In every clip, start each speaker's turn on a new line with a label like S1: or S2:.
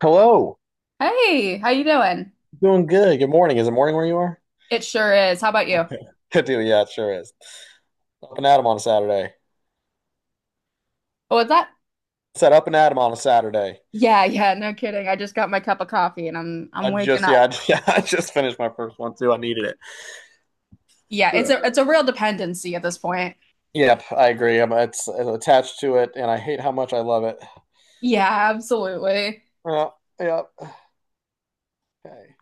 S1: Hello.
S2: Hey, how you doing?
S1: Doing good. Good morning. Is it morning where you are?
S2: It sure is. How about you?
S1: Good deal. Yeah, it sure is. Up and at 'em on a Saturday.
S2: Oh, was that?
S1: Said up and at 'em on a Saturday.
S2: Yeah, yeah, no kidding. I just got my cup of coffee and I'm
S1: I
S2: waking
S1: just yeah,
S2: up.
S1: I, I just finished my first one too. I needed it.
S2: Yeah, it's
S1: Ugh.
S2: a real dependency at this point.
S1: Yep, I agree. It's attached to it, and I hate how much I love it.
S2: Yeah, absolutely.
S1: Yeah, yeah. Okay.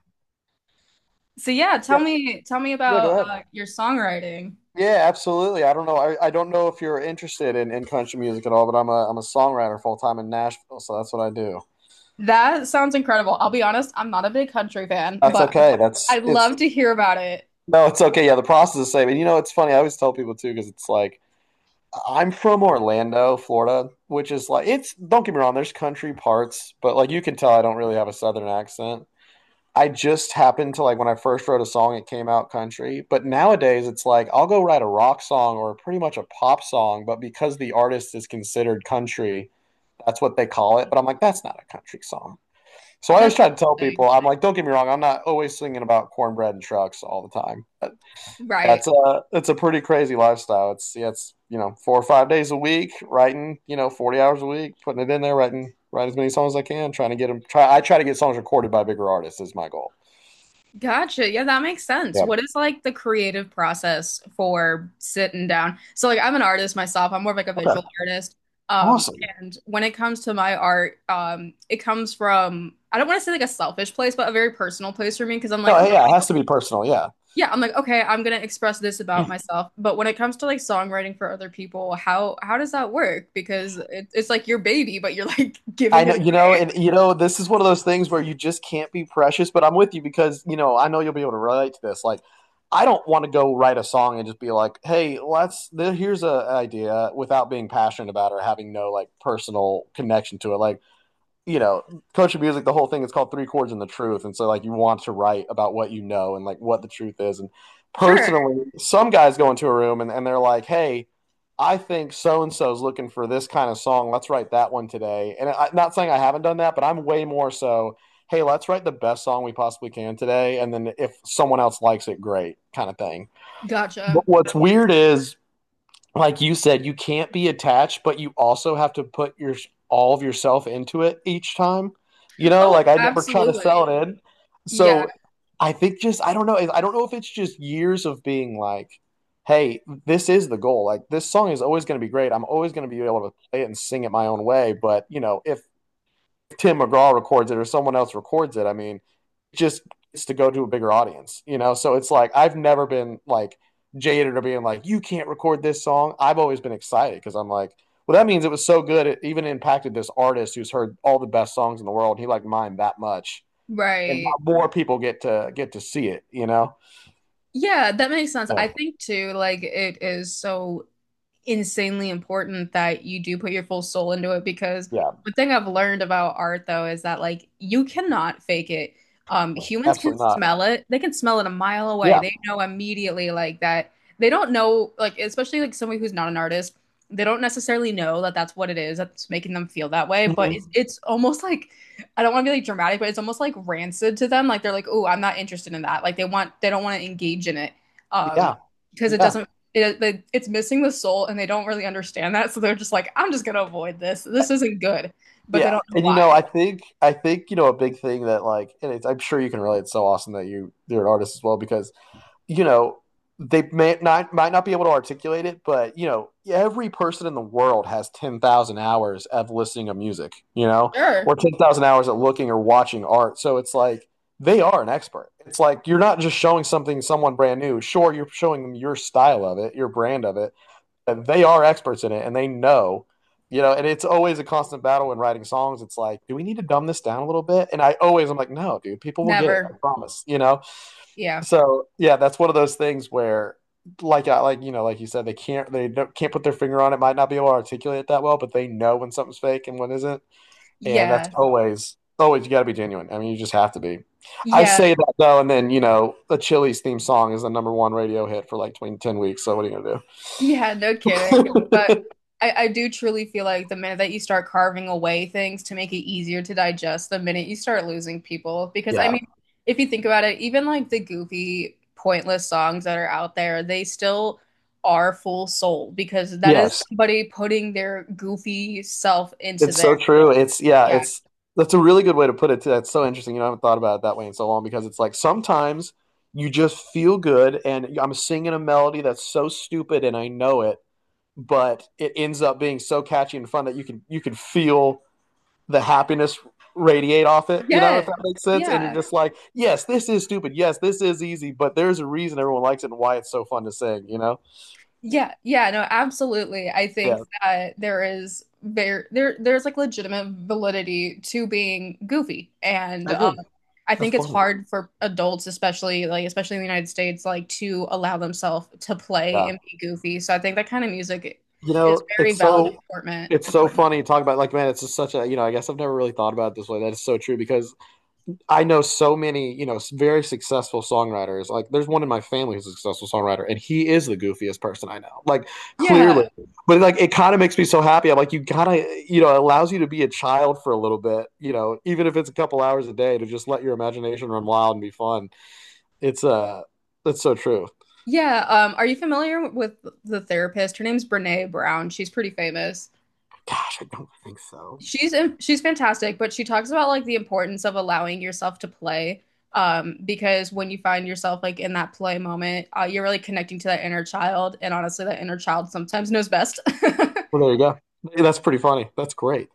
S1: Yeah,
S2: Tell me
S1: yeah. Go
S2: about
S1: ahead.
S2: your songwriting.
S1: Yeah, absolutely. I don't know. I don't know if you're interested in country music at all, but I'm a songwriter full time in Nashville, so that's what I do.
S2: That sounds incredible. I'll be honest, I'm not a big country fan,
S1: That's
S2: but
S1: okay.
S2: I
S1: That's it's
S2: love to hear about it.
S1: No, it's okay. Yeah, the process is the same. And you know, it's funny. I always tell people too, because it's like, I'm from Orlando, Florida, which is like it's. Don't get me wrong. There's country parts, but like you can tell, I don't really have a southern accent. I just happened to, like, when I first wrote a song, it came out country. But nowadays, it's like I'll go write a rock song or pretty much a pop song, but because the artist is considered country, that's what they call it. But I'm like, that's not a country song. So I always
S2: That's
S1: try to tell
S2: interesting.
S1: people, I'm like, don't get me wrong, I'm not always singing about cornbread and trucks all the time. That's
S2: Right.
S1: a it's a pretty crazy lifestyle. It's you know 4 or 5 days a week, writing you know 40 hours a week, putting it in there, writing write as many songs as I can, trying to get them. Try I try to get songs recorded by bigger artists is my goal.
S2: Gotcha. Yeah, that makes sense.
S1: Yeah.
S2: What is like the creative process for sitting down? So like I'm an artist myself. I'm more of like a
S1: Okay.
S2: visual artist. Um,
S1: Awesome.
S2: and when it comes to my art, it comes from I don't want to say like a selfish place, but a very personal place for me because I'm like,
S1: No, hey, yeah, it
S2: okay,
S1: has to be personal. Yeah.
S2: yeah, I'm like, okay, I'm gonna express this about myself. But when it comes to like songwriting for other people, how does that work? Because it's like your baby, but you're like
S1: I
S2: giving it
S1: know, you
S2: away.
S1: know, and you know, this is one of those things where you just can't be precious. But I'm with you, because you know I know you'll be able to relate to this. Like, I don't want to go write a song and just be like, "Hey, let's here's an idea," without being passionate about it or having no like personal connection to it. Like, you know, coaching music, the whole thing is called Three Chords and the Truth. And so, like, you want to write about what you know and, like, what the truth is. And
S2: Sure.
S1: personally, some guys go into a room and they're like, hey, I think so and so's looking for this kind of song. Let's write that one today. And I'm not saying I haven't done that, but I'm way more so, hey, let's write the best song we possibly can today. And then if someone else likes it, great kind of thing.
S2: Gotcha.
S1: But what's weird is, like you said, you can't be attached, but you also have to put your all of yourself into it each time. You know,
S2: Oh,
S1: like I never try to
S2: absolutely.
S1: sell it in.
S2: Yeah,
S1: So I think just, I don't know. I don't know if it's just years of being like, hey, this is the goal. Like, this song is always going to be great. I'm always going to be able to play it and sing it my own way. But you know, if Tim McGraw records it or someone else records it, I mean, it just it's to go to a bigger audience, you know? So it's like I've never been like jaded or being like, you can't record this song. I've always been excited because I'm like, well, that means it was so good. It even impacted this artist who's heard all the best songs in the world. He liked mine that much. And
S2: right.
S1: more people get to see it, you know?
S2: Yeah, that makes sense.
S1: Yeah,
S2: I think too, like it is so insanely important that you do put your full soul into it because
S1: yeah,
S2: one thing I've learned about art though is that like you cannot fake it. Humans can
S1: absolutely not.
S2: smell it. They can smell it a mile away.
S1: Yeah.
S2: They know immediately like that. They don't know like especially like somebody who's not an artist. They don't necessarily know that that's what it is that's making them feel that way, but it's,
S1: Mm-hmm.
S2: it's almost like I don't want to be like dramatic, but it's almost like rancid to them. Like they're like, "Oh, I'm not interested in that." Like they don't want to engage in it. Um,
S1: Yeah.
S2: because it
S1: Yeah.
S2: doesn't it's missing the soul and they don't really understand that, so they're just like, I'm just gonna avoid this, this isn't good, but they
S1: Yeah,
S2: don't know
S1: and you
S2: why.
S1: know, I think you know a big thing that, like, and it's, I'm sure you can relate. It's so awesome that you're an artist as well, because you know they may not might not be able to articulate it, but you know every person in the world has 10,000 hours of listening to music, you know,
S2: Sure.
S1: or 10,000 hours at looking or watching art. So it's like they are an expert. It's like you're not just showing something someone brand new. Sure, you're showing them your style of it, your brand of it, and they are experts in it, and they know, you know, and it's always a constant battle when writing songs. It's like, do we need to dumb this down a little bit? And I'm like, no dude, people will get it, I
S2: Never.
S1: promise, you know?
S2: Yeah.
S1: So yeah, that's one of those things where, like I, like, you know, like you said, they can't, they don't, can't put their finger on it, might not be able to articulate it that well, but they know when something's fake and when isn't. And that's
S2: Yeah.
S1: always, always, you got to be genuine, I mean, you just have to be. I
S2: Yeah.
S1: say that, though, and then you know the Chili's theme song is the number one radio hit for like 2010 weeks, so what are you
S2: Yeah, no kidding.
S1: gonna
S2: But
S1: do?
S2: I do truly feel like the minute that you start carving away things to make it easier to digest, the minute you start losing people, because I
S1: Yeah.
S2: mean, if you think about it, even like the goofy pointless songs that are out there, they still are full soul because that
S1: Yes,
S2: is somebody putting their goofy self into
S1: it's so
S2: there.
S1: true. It's yeah,
S2: Yeah.
S1: it's That's a really good way to put it too. That's so interesting. You know, I haven't thought about it that way in so long, because it's like sometimes you just feel good and I'm singing a melody that's so stupid and I know it, but it ends up being so catchy and fun that you can feel the happiness radiate off it, you know, if
S2: Yes.
S1: that makes sense. And you're
S2: Yeah.
S1: just like, yes, this is stupid. Yes, this is easy, but there's a reason everyone likes it and why it's so fun to sing, you know?
S2: Yeah. Yeah. No, absolutely. I think
S1: Yeah,
S2: that there is there's like legitimate validity to being goofy. And
S1: I agree.
S2: I
S1: That's
S2: think it's
S1: funny.
S2: hard for adults, especially like especially in the United States, like to allow themselves to play
S1: Yeah.
S2: and be goofy. So I think that kind of music
S1: You
S2: is
S1: know,
S2: very
S1: it's
S2: valid and
S1: so
S2: important
S1: it's so
S2: important.
S1: funny to talk about. Like, man, it's just such a, you know, I guess I've never really thought about it this way. That is so true, because I know so many, you know, very successful songwriters. Like, there's one in my family who's a successful songwriter, and he is the goofiest person I know. Like,
S2: Yeah.
S1: clearly. But like, it kind of makes me so happy. I'm like, you got to, you know, it allows you to be a child for a little bit, you know, even if it's a couple hours a day, to just let your imagination run wild and be fun. It's That's so true.
S2: Yeah. Are you familiar with the therapist? Her name's Brene Brown. She's pretty famous.
S1: Gosh, I don't think so.
S2: She's fantastic, but she talks about like the importance of allowing yourself to play. Because when you find yourself like in that play moment, you're really connecting to that inner child, and honestly, that inner child sometimes knows best.
S1: Well, there you go. That's pretty funny. That's great.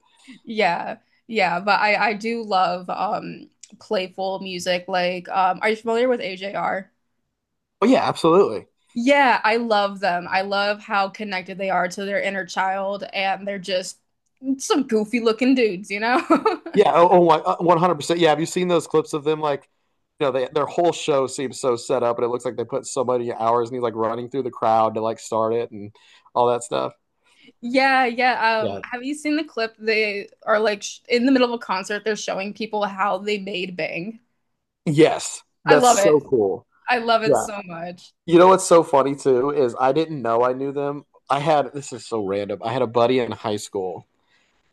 S2: Yeah, yeah, but I do love playful music. Like, are you familiar with AJR?
S1: Oh yeah, absolutely.
S2: Yeah, I love them. I love how connected they are to their inner child, and they're just some goofy looking dudes, you know?
S1: Yeah. 100%. Yeah. Have you seen those clips of them? Like, you know, their whole show seems so set up, and it looks like they put so many hours, and he's like running through the crowd to like start it and all that stuff.
S2: Yeah, yeah.
S1: Yeah.
S2: Have you seen the clip? They are like sh in the middle of a concert, they're showing people how they made Bang.
S1: Yes.
S2: I
S1: That's
S2: love it.
S1: so cool.
S2: I love it
S1: Yeah.
S2: so much.
S1: You know what's so funny too is I didn't know I knew them. This is so random. I had a buddy in high school,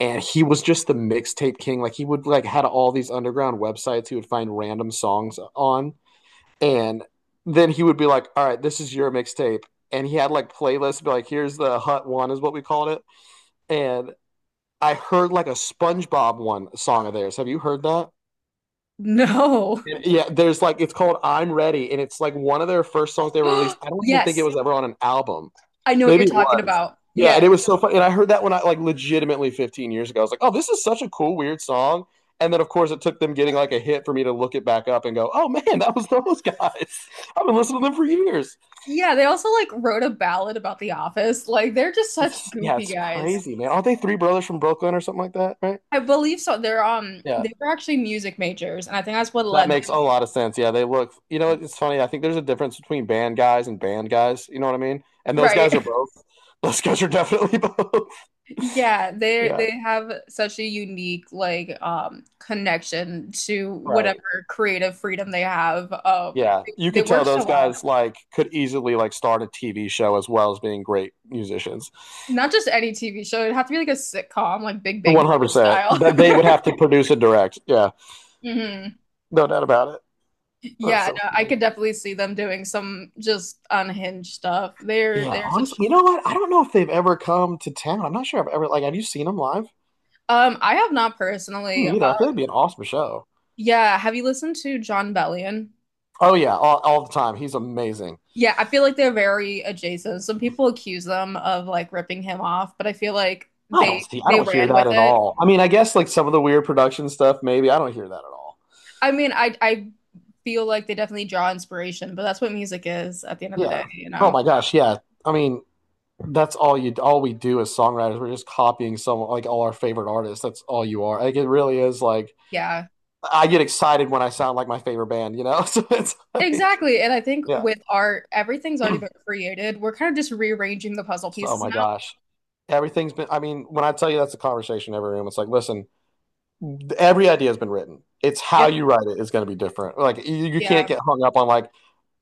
S1: and he was just the mixtape king. Like, he would like had all these underground websites he would find random songs on. And then he would be like, "All right, this is your mixtape." And he had like playlists, be like, "Here's the Hut One," is what we called it. And I heard like a SpongeBob one song of theirs. Have you heard that?
S2: No.
S1: Yeah. Yeah, there's like, it's called "I'm Ready," and it's like one of their first songs they ever released. I don't even think it
S2: Yes,
S1: was ever on an album.
S2: I know what you're
S1: Maybe it
S2: talking
S1: was.
S2: about.
S1: Yeah, and
S2: Yes.
S1: it was so funny. And I heard that when I, like, legitimately 15 years ago. I was like, "Oh, this is such a cool, weird song." And then, of course, it took them getting like a hit for me to look it back up and go, "Oh man, that was those guys. I've been listening to them for years."
S2: Yeah, they also like wrote a ballad about The Office. Like they're just such
S1: Yeah,
S2: goofy
S1: it's
S2: guys.
S1: crazy, man. Aren't they three brothers from Brooklyn or something like that, right?
S2: I believe so. They're
S1: Yeah,
S2: they were actually music majors, and I think that's what
S1: that
S2: led
S1: makes a
S2: them.
S1: lot of sense. Yeah, they look, you know, it's funny. I think there's a difference between band guys and band guys. You know what I mean? And those guys are
S2: Right.
S1: both. Those guys are definitely both.
S2: Yeah, they
S1: Yeah,
S2: they have such a unique like connection to
S1: right.
S2: whatever creative freedom they have.
S1: Yeah, you
S2: They
S1: could tell
S2: work so
S1: those
S2: well.
S1: guys like could easily like start a TV show as well as being great musicians.
S2: Not just any TV show, it'd have to be like a sitcom, like Big Bang Theory
S1: 100%.
S2: style.
S1: That they would have to produce and direct. Yeah,
S2: Hmm.
S1: no doubt about it. That's
S2: Yeah,
S1: so
S2: no, I
S1: funny.
S2: could definitely see them doing some just unhinged stuff. They're
S1: Yeah,
S2: they're
S1: honestly,
S2: such
S1: you know what? I don't know if they've ever come to town. I'm not sure I've ever like. Have you seen him live?
S2: I have not personally.
S1: Me neither. I think it'd be an awesome show.
S2: Yeah, have you listened to John Bellion?
S1: Oh yeah, all the time. He's amazing.
S2: Yeah, I feel like they're very adjacent. Some people accuse them of like ripping him off, but I feel like
S1: I don't
S2: they
S1: see. I
S2: they
S1: don't hear
S2: ran
S1: that
S2: with
S1: at
S2: it.
S1: all. I mean, I guess like some of the weird production stuff. Maybe. I don't hear that at all.
S2: I mean, I feel like they definitely draw inspiration, but that's what music is at the end of the
S1: Yeah.
S2: day, you
S1: Oh
S2: know?
S1: my gosh. Yeah. I mean, that's all you. All we do as songwriters, we're just copying someone, like all our favorite artists. That's all you are. Like, it really is. Like,
S2: Yeah.
S1: I get excited when I sound like my favorite band. You know. So it's like,
S2: Exactly. And I think
S1: yeah.
S2: with art, everything's already been created. We're kind of just rearranging the puzzle
S1: So, oh
S2: pieces
S1: my
S2: now.
S1: gosh. I mean, when I tell you, that's a conversation in every room. It's like, listen, every idea has been written. It's how
S2: Yep.
S1: you write it is going to be different. Like, you
S2: Yeah.
S1: can't get hung up on, like,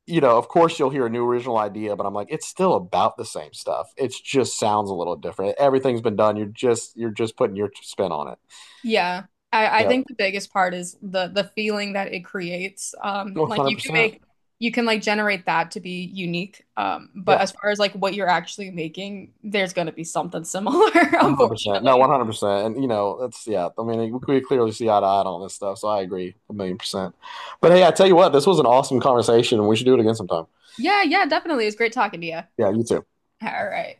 S1: you know, of course you'll hear a new original idea, but I'm like, it's still about the same stuff. It just sounds a little different. Everything's been done. You're just putting your spin on it.
S2: Yeah. I
S1: Yeah.
S2: think the biggest part is the feeling that it creates. Like you can
S1: 100%.
S2: make you can like generate that to be unique. But
S1: Yeah.
S2: as far as like what you're actually making, there's gonna be something similar,
S1: 100%. No,
S2: unfortunately.
S1: 100%. And, you know, yeah. I mean, we clearly see eye to eye on this stuff. So I agree a million percent. But hey, I tell you what, this was an awesome conversation, and we should do it again sometime.
S2: Yeah, yeah, definitely. It was great talking to you.
S1: Yeah. You too.
S2: All right.